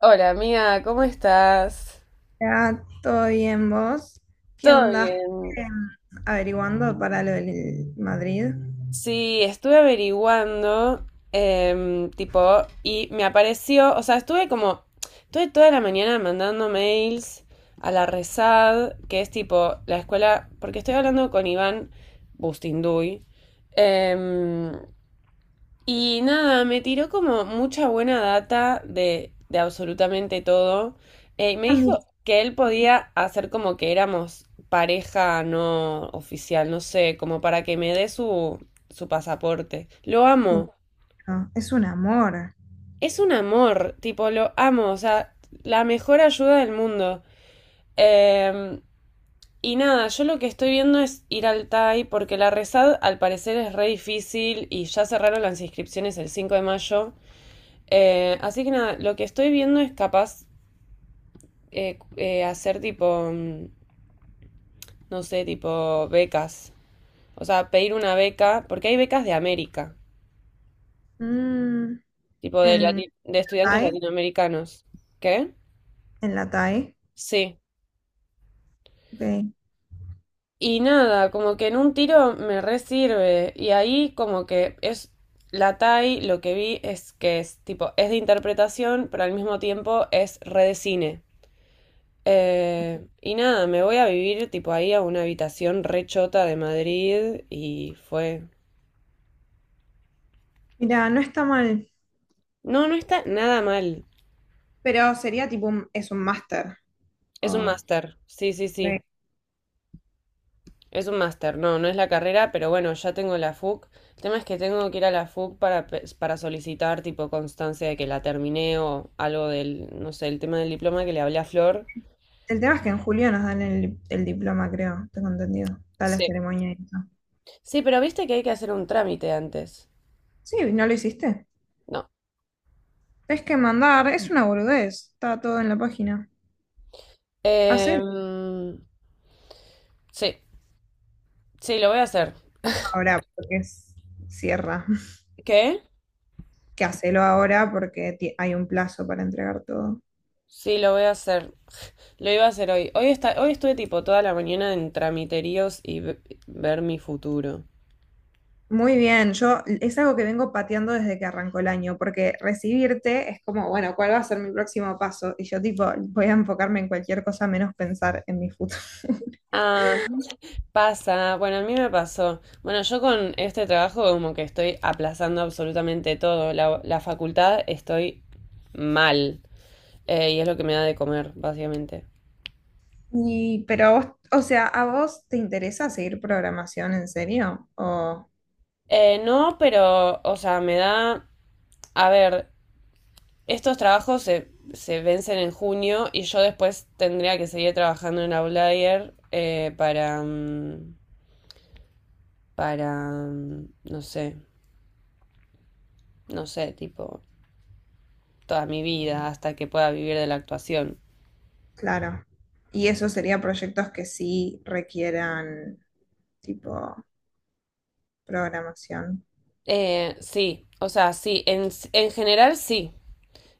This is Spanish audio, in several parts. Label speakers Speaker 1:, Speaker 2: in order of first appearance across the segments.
Speaker 1: Hola amiga, ¿cómo estás?
Speaker 2: Ya, todo bien, vos. ¿Qué
Speaker 1: ¿Todo
Speaker 2: onda?
Speaker 1: bien?
Speaker 2: Eh, Averiguando para lo del Madrid.
Speaker 1: Sí, estuve averiguando, tipo, y me apareció, o sea, estuve toda la mañana mandando mails a la RESAD, que es tipo la escuela, porque estoy hablando con Iván Bustinduy. em, Y nada, me tiró como mucha buena data de absolutamente todo. Me
Speaker 2: Ah,
Speaker 1: dijo
Speaker 2: mira,
Speaker 1: que él podía hacer como que éramos pareja no oficial, no sé, como para que me dé su pasaporte. Lo amo.
Speaker 2: no, es un amor.
Speaker 1: Es un amor, tipo, lo amo, o sea, la mejor ayuda del mundo. Em, y nada, yo lo que estoy viendo es ir al TAI porque la rezad al parecer es re difícil y ya cerraron las inscripciones el 5 de mayo. Así que nada, lo que estoy viendo es capaz hacer tipo, no sé, tipo becas. O sea, pedir una beca, porque hay becas de América,
Speaker 2: Mm,
Speaker 1: tipo
Speaker 2: en la
Speaker 1: de estudiantes
Speaker 2: TAI,
Speaker 1: latinoamericanos. ¿Qué?
Speaker 2: en la TAI.
Speaker 1: Sí.
Speaker 2: Ok.
Speaker 1: Y nada, como que en un tiro me re sirve. Y ahí como que es la TAI, lo que vi es que es tipo, es de interpretación, pero al mismo tiempo es re de cine. Y nada, me voy a vivir tipo ahí a una habitación rechota de Madrid y fue.
Speaker 2: Mira, no está mal,
Speaker 1: No, no está nada mal.
Speaker 2: pero sería tipo es un máster.
Speaker 1: Es un
Speaker 2: Oh,
Speaker 1: máster. Sí, sí, sí.
Speaker 2: ok.
Speaker 1: Es un máster. No, no es la carrera, pero bueno, ya tengo la FUC. El tema es que tengo que ir a la FUC para solicitar tipo constancia de que la terminé o algo del, no sé, el tema del diploma que le hablé a Flor.
Speaker 2: El tema es que en julio nos dan el diploma, creo, tengo entendido. Está la
Speaker 1: Sí.
Speaker 2: ceremonia y eso.
Speaker 1: Sí, pero viste que hay que hacer un trámite antes.
Speaker 2: Sí, no lo hiciste.
Speaker 1: No.
Speaker 2: Es que mandar, es una boludez. Está todo en la página. Hacer
Speaker 1: Em, sí, sí, lo voy a hacer.
Speaker 2: ahora, porque cierra.
Speaker 1: ¿Qué?
Speaker 2: Que hacelo ahora porque hay un plazo para entregar todo.
Speaker 1: Sí, lo voy a hacer. Lo iba a hacer hoy. Hoy estuve tipo toda la mañana en tramiteríos y ver mi futuro.
Speaker 2: Muy bien, yo es algo que vengo pateando desde que arrancó el año, porque recibirte es como, bueno, ¿cuál va a ser mi próximo paso? Y yo tipo, voy a enfocarme en cualquier cosa menos pensar en mi futuro.
Speaker 1: Ah, pasa. Bueno, a mí me pasó. Bueno, yo con este trabajo como que estoy aplazando absolutamente todo. La facultad estoy mal. Y es lo que me da de comer, básicamente.
Speaker 2: Y, pero vos, o sea, ¿a vos te interesa seguir programación en serio?
Speaker 1: No, pero, o sea, me da... A ver, estos trabajos se vencen en junio y yo después tendría que seguir trabajando en Outlier para, para, no sé, no sé, tipo, toda mi vida hasta que pueda vivir de la actuación.
Speaker 2: Claro. Y eso sería proyectos que sí requieran tipo programación.
Speaker 1: Sí, o sea, sí, en general sí.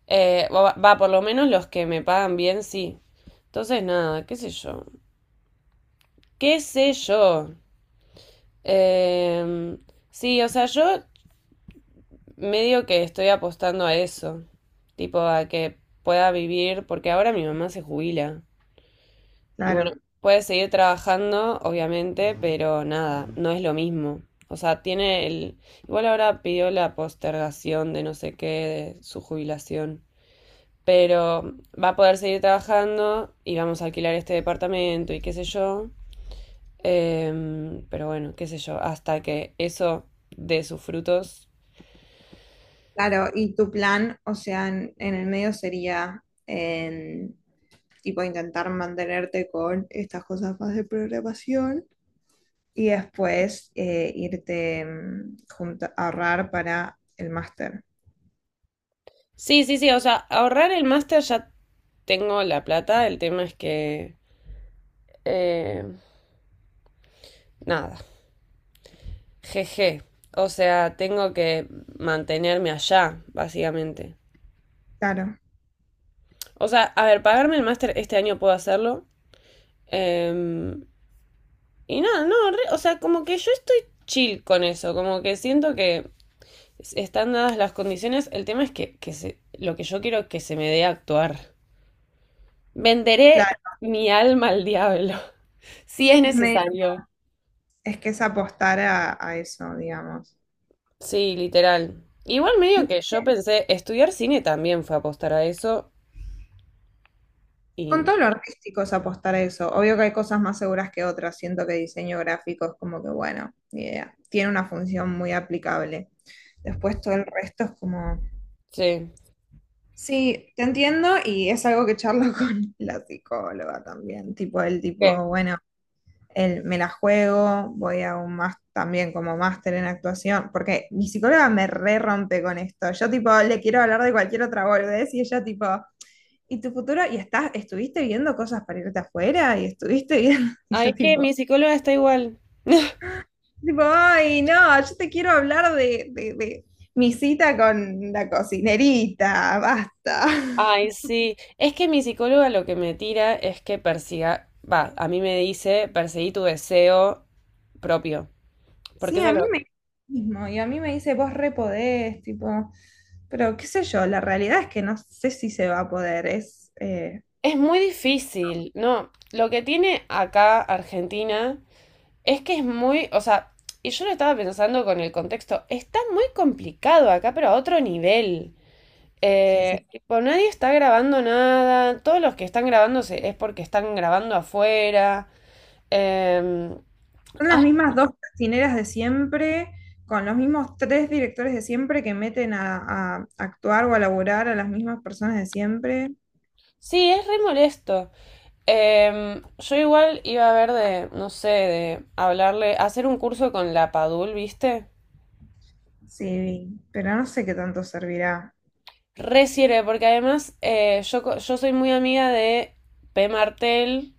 Speaker 1: Va, por lo menos los que me pagan bien, sí. Entonces, nada, qué sé yo. ¿Qué sé yo? Eh, sí, o sea, yo medio que estoy apostando a eso, tipo a que pueda vivir, porque ahora mi mamá se jubila. Y bueno,
Speaker 2: Claro,
Speaker 1: puede seguir trabajando, obviamente, pero nada, no es lo mismo. O sea, tiene el... Igual ahora pidió la postergación de no sé qué, de su jubilación. Pero va a poder seguir trabajando y vamos a alquilar este departamento y qué sé yo. Pero bueno, qué sé yo, hasta que eso dé sus frutos.
Speaker 2: claro, y tu plan, o sea, en el medio sería en, tipo intentar mantenerte con estas cosas más de programación y después irte ahorrar para el máster.
Speaker 1: Sí, sí, sí, o sea, ahorrar el máster ya tengo la plata, el tema es que... eh, nada, jeje, o sea, tengo que mantenerme allá, básicamente.
Speaker 2: Claro,
Speaker 1: O sea, a ver, pagarme el máster este año puedo hacerlo. eh, y nada, no, o sea, como que yo estoy chill con eso, como que siento que están dadas las condiciones, el tema es que, lo que yo quiero es que se me dé a actuar. Venderé
Speaker 2: claro,
Speaker 1: mi alma al diablo, si es
Speaker 2: es medio-
Speaker 1: necesario.
Speaker 2: es que es apostar a eso, digamos.
Speaker 1: Sí, literal. Igual medio que yo pensé, estudiar cine también fue apostar a eso y
Speaker 2: Con todo lo artístico es apostar a eso. Obvio que hay cosas más seguras que otras. Siento que diseño gráfico es como que, bueno, ni idea. Tiene una función muy aplicable. Después todo el resto es como,
Speaker 1: sí.
Speaker 2: sí, te entiendo y es algo que charlo con la psicóloga también. Tipo, el
Speaker 1: ¿Qué?
Speaker 2: tipo, bueno, me la juego, voy a un más también como máster en actuación, porque mi psicóloga me re rompe con esto. Yo tipo, le quiero hablar de cualquier otra boludez y ella tipo y tu futuro, y estuviste viendo cosas para irte afuera, y estuviste viendo, y
Speaker 1: Ah,
Speaker 2: yo
Speaker 1: es que
Speaker 2: tipo,
Speaker 1: mi psicóloga está igual.
Speaker 2: tipo, ay, no, yo te quiero hablar de mi cita con la cocinerita, basta.
Speaker 1: Ay, sí. Es que mi psicóloga lo que me tira es que persiga, va, a mí me dice perseguí tu deseo propio, porque
Speaker 2: Sí, a mí me mismo, y a mí me dice, vos re podés, tipo, pero qué sé yo, la realidad es que no sé si se va a poder,
Speaker 1: es muy difícil, ¿no? Lo que tiene acá Argentina es que es muy, o sea, y yo lo estaba pensando con el contexto, está muy complicado acá, pero a otro nivel.
Speaker 2: sí, sí.
Speaker 1: Tipo, nadie está grabando nada. Todos los que están grabando es porque están grabando afuera. Em,
Speaker 2: Son las
Speaker 1: ay,
Speaker 2: mismas dos cocineras de siempre, con los mismos tres directores de siempre que meten a actuar o a laburar a las mismas personas de siempre.
Speaker 1: sí, es re molesto. Yo igual iba a ver de, no sé, de hablarle, hacer un curso con la Padul, ¿viste?
Speaker 2: Sí, pero no sé qué tanto servirá.
Speaker 1: Re sirve, porque además yo soy muy amiga de P. Martel,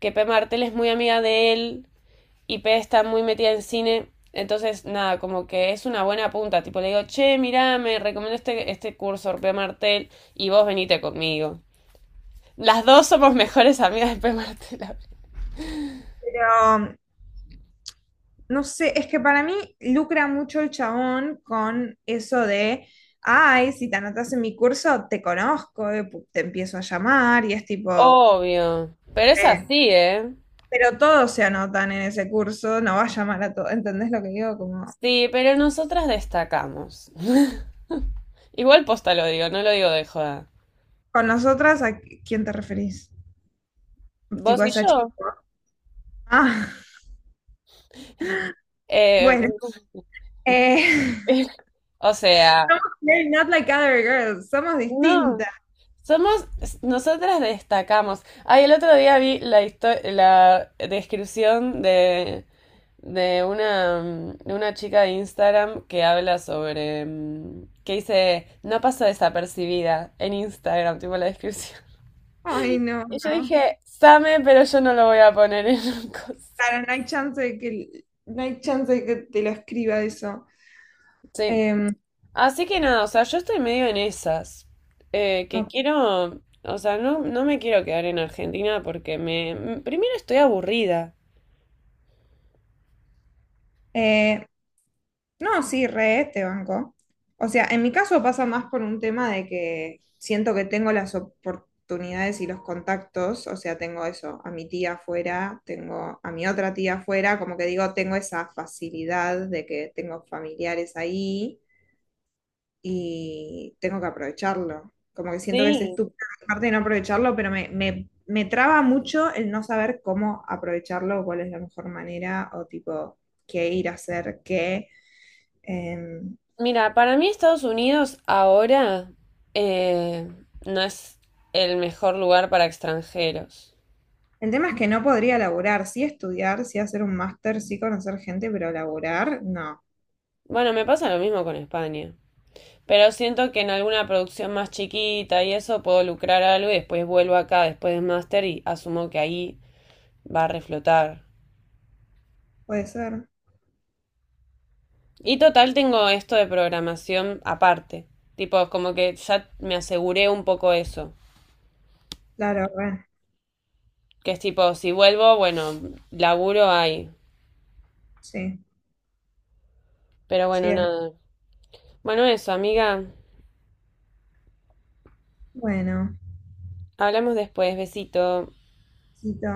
Speaker 1: que P. Martel es muy amiga de él. Y P está muy metida en cine, entonces nada, como que es una buena punta, tipo le digo, che, mirá, me recomiendo este curso, de P. Martel, y vos venite conmigo. Las dos somos mejores amigas de P. Martel.
Speaker 2: Pero no sé, es que para mí lucra mucho el chabón con eso de, ay, si te anotas en mi curso, te conozco, te empiezo a llamar y es tipo,
Speaker 1: Obvio, pero es
Speaker 2: eh,
Speaker 1: así, ¿eh?
Speaker 2: pero todos se anotan en ese curso, no va a llamar a todos, ¿entendés lo que digo? Como,
Speaker 1: Sí, pero nosotras destacamos. Igual posta lo digo, no lo digo de joda.
Speaker 2: con nosotras, ¿a quién te referís? Te
Speaker 1: Vos y
Speaker 2: vas a...
Speaker 1: yo.
Speaker 2: Ah,
Speaker 1: Eh,
Speaker 2: bueno. eh,
Speaker 1: o sea,
Speaker 2: they're not like other girls, somos
Speaker 1: no,
Speaker 2: distintas.
Speaker 1: somos, nosotras destacamos. Ay, el otro día vi la descripción de una, de una chica de Instagram que habla sobre, que dice, no paso desapercibida en Instagram, tipo la descripción.
Speaker 2: Ay, no,
Speaker 1: Y yo
Speaker 2: no.
Speaker 1: dije, same, pero yo no lo voy a poner en un coso.
Speaker 2: Claro, no hay chance de que, no hay chance de que te lo escriba eso.
Speaker 1: Sí.
Speaker 2: Em,
Speaker 1: Así que nada, o sea, yo estoy medio en esas. Que
Speaker 2: no.
Speaker 1: quiero, o sea, no, no me quiero quedar en Argentina porque me, primero estoy aburrida.
Speaker 2: Eh, No, sí, re este banco. O sea, en mi caso pasa más por un tema de que siento que tengo las oportunidades y los contactos, o sea, tengo eso, a mi tía afuera, tengo a mi otra tía afuera, como que digo, tengo esa facilidad de que tengo familiares ahí y tengo que aprovecharlo. Como que siento que es
Speaker 1: Sí.
Speaker 2: estúpido parte de no aprovecharlo, pero me traba mucho el no saber cómo aprovecharlo, cuál es la mejor manera o tipo qué ir a hacer qué. Em,
Speaker 1: Mira, para mí Estados Unidos ahora eh, no es el mejor lugar para extranjeros.
Speaker 2: El tema es que no podría laburar, sí estudiar, sí hacer un máster, sí conocer gente, pero laburar, no.
Speaker 1: Bueno, me pasa lo mismo con España. Pero siento que en alguna producción más chiquita y eso puedo lucrar algo y después vuelvo acá después del máster y asumo que ahí va a reflotar.
Speaker 2: Puede ser.
Speaker 1: Y total tengo esto de programación aparte. Tipo, como que ya me aseguré un poco eso.
Speaker 2: Claro, re.
Speaker 1: Que es tipo, si vuelvo, bueno, laburo ahí.
Speaker 2: Sí,
Speaker 1: Pero
Speaker 2: sí
Speaker 1: bueno,
Speaker 2: es.
Speaker 1: nada. Bueno, eso, amiga.
Speaker 2: Bueno,
Speaker 1: Hablamos después, besito.
Speaker 2: Cito.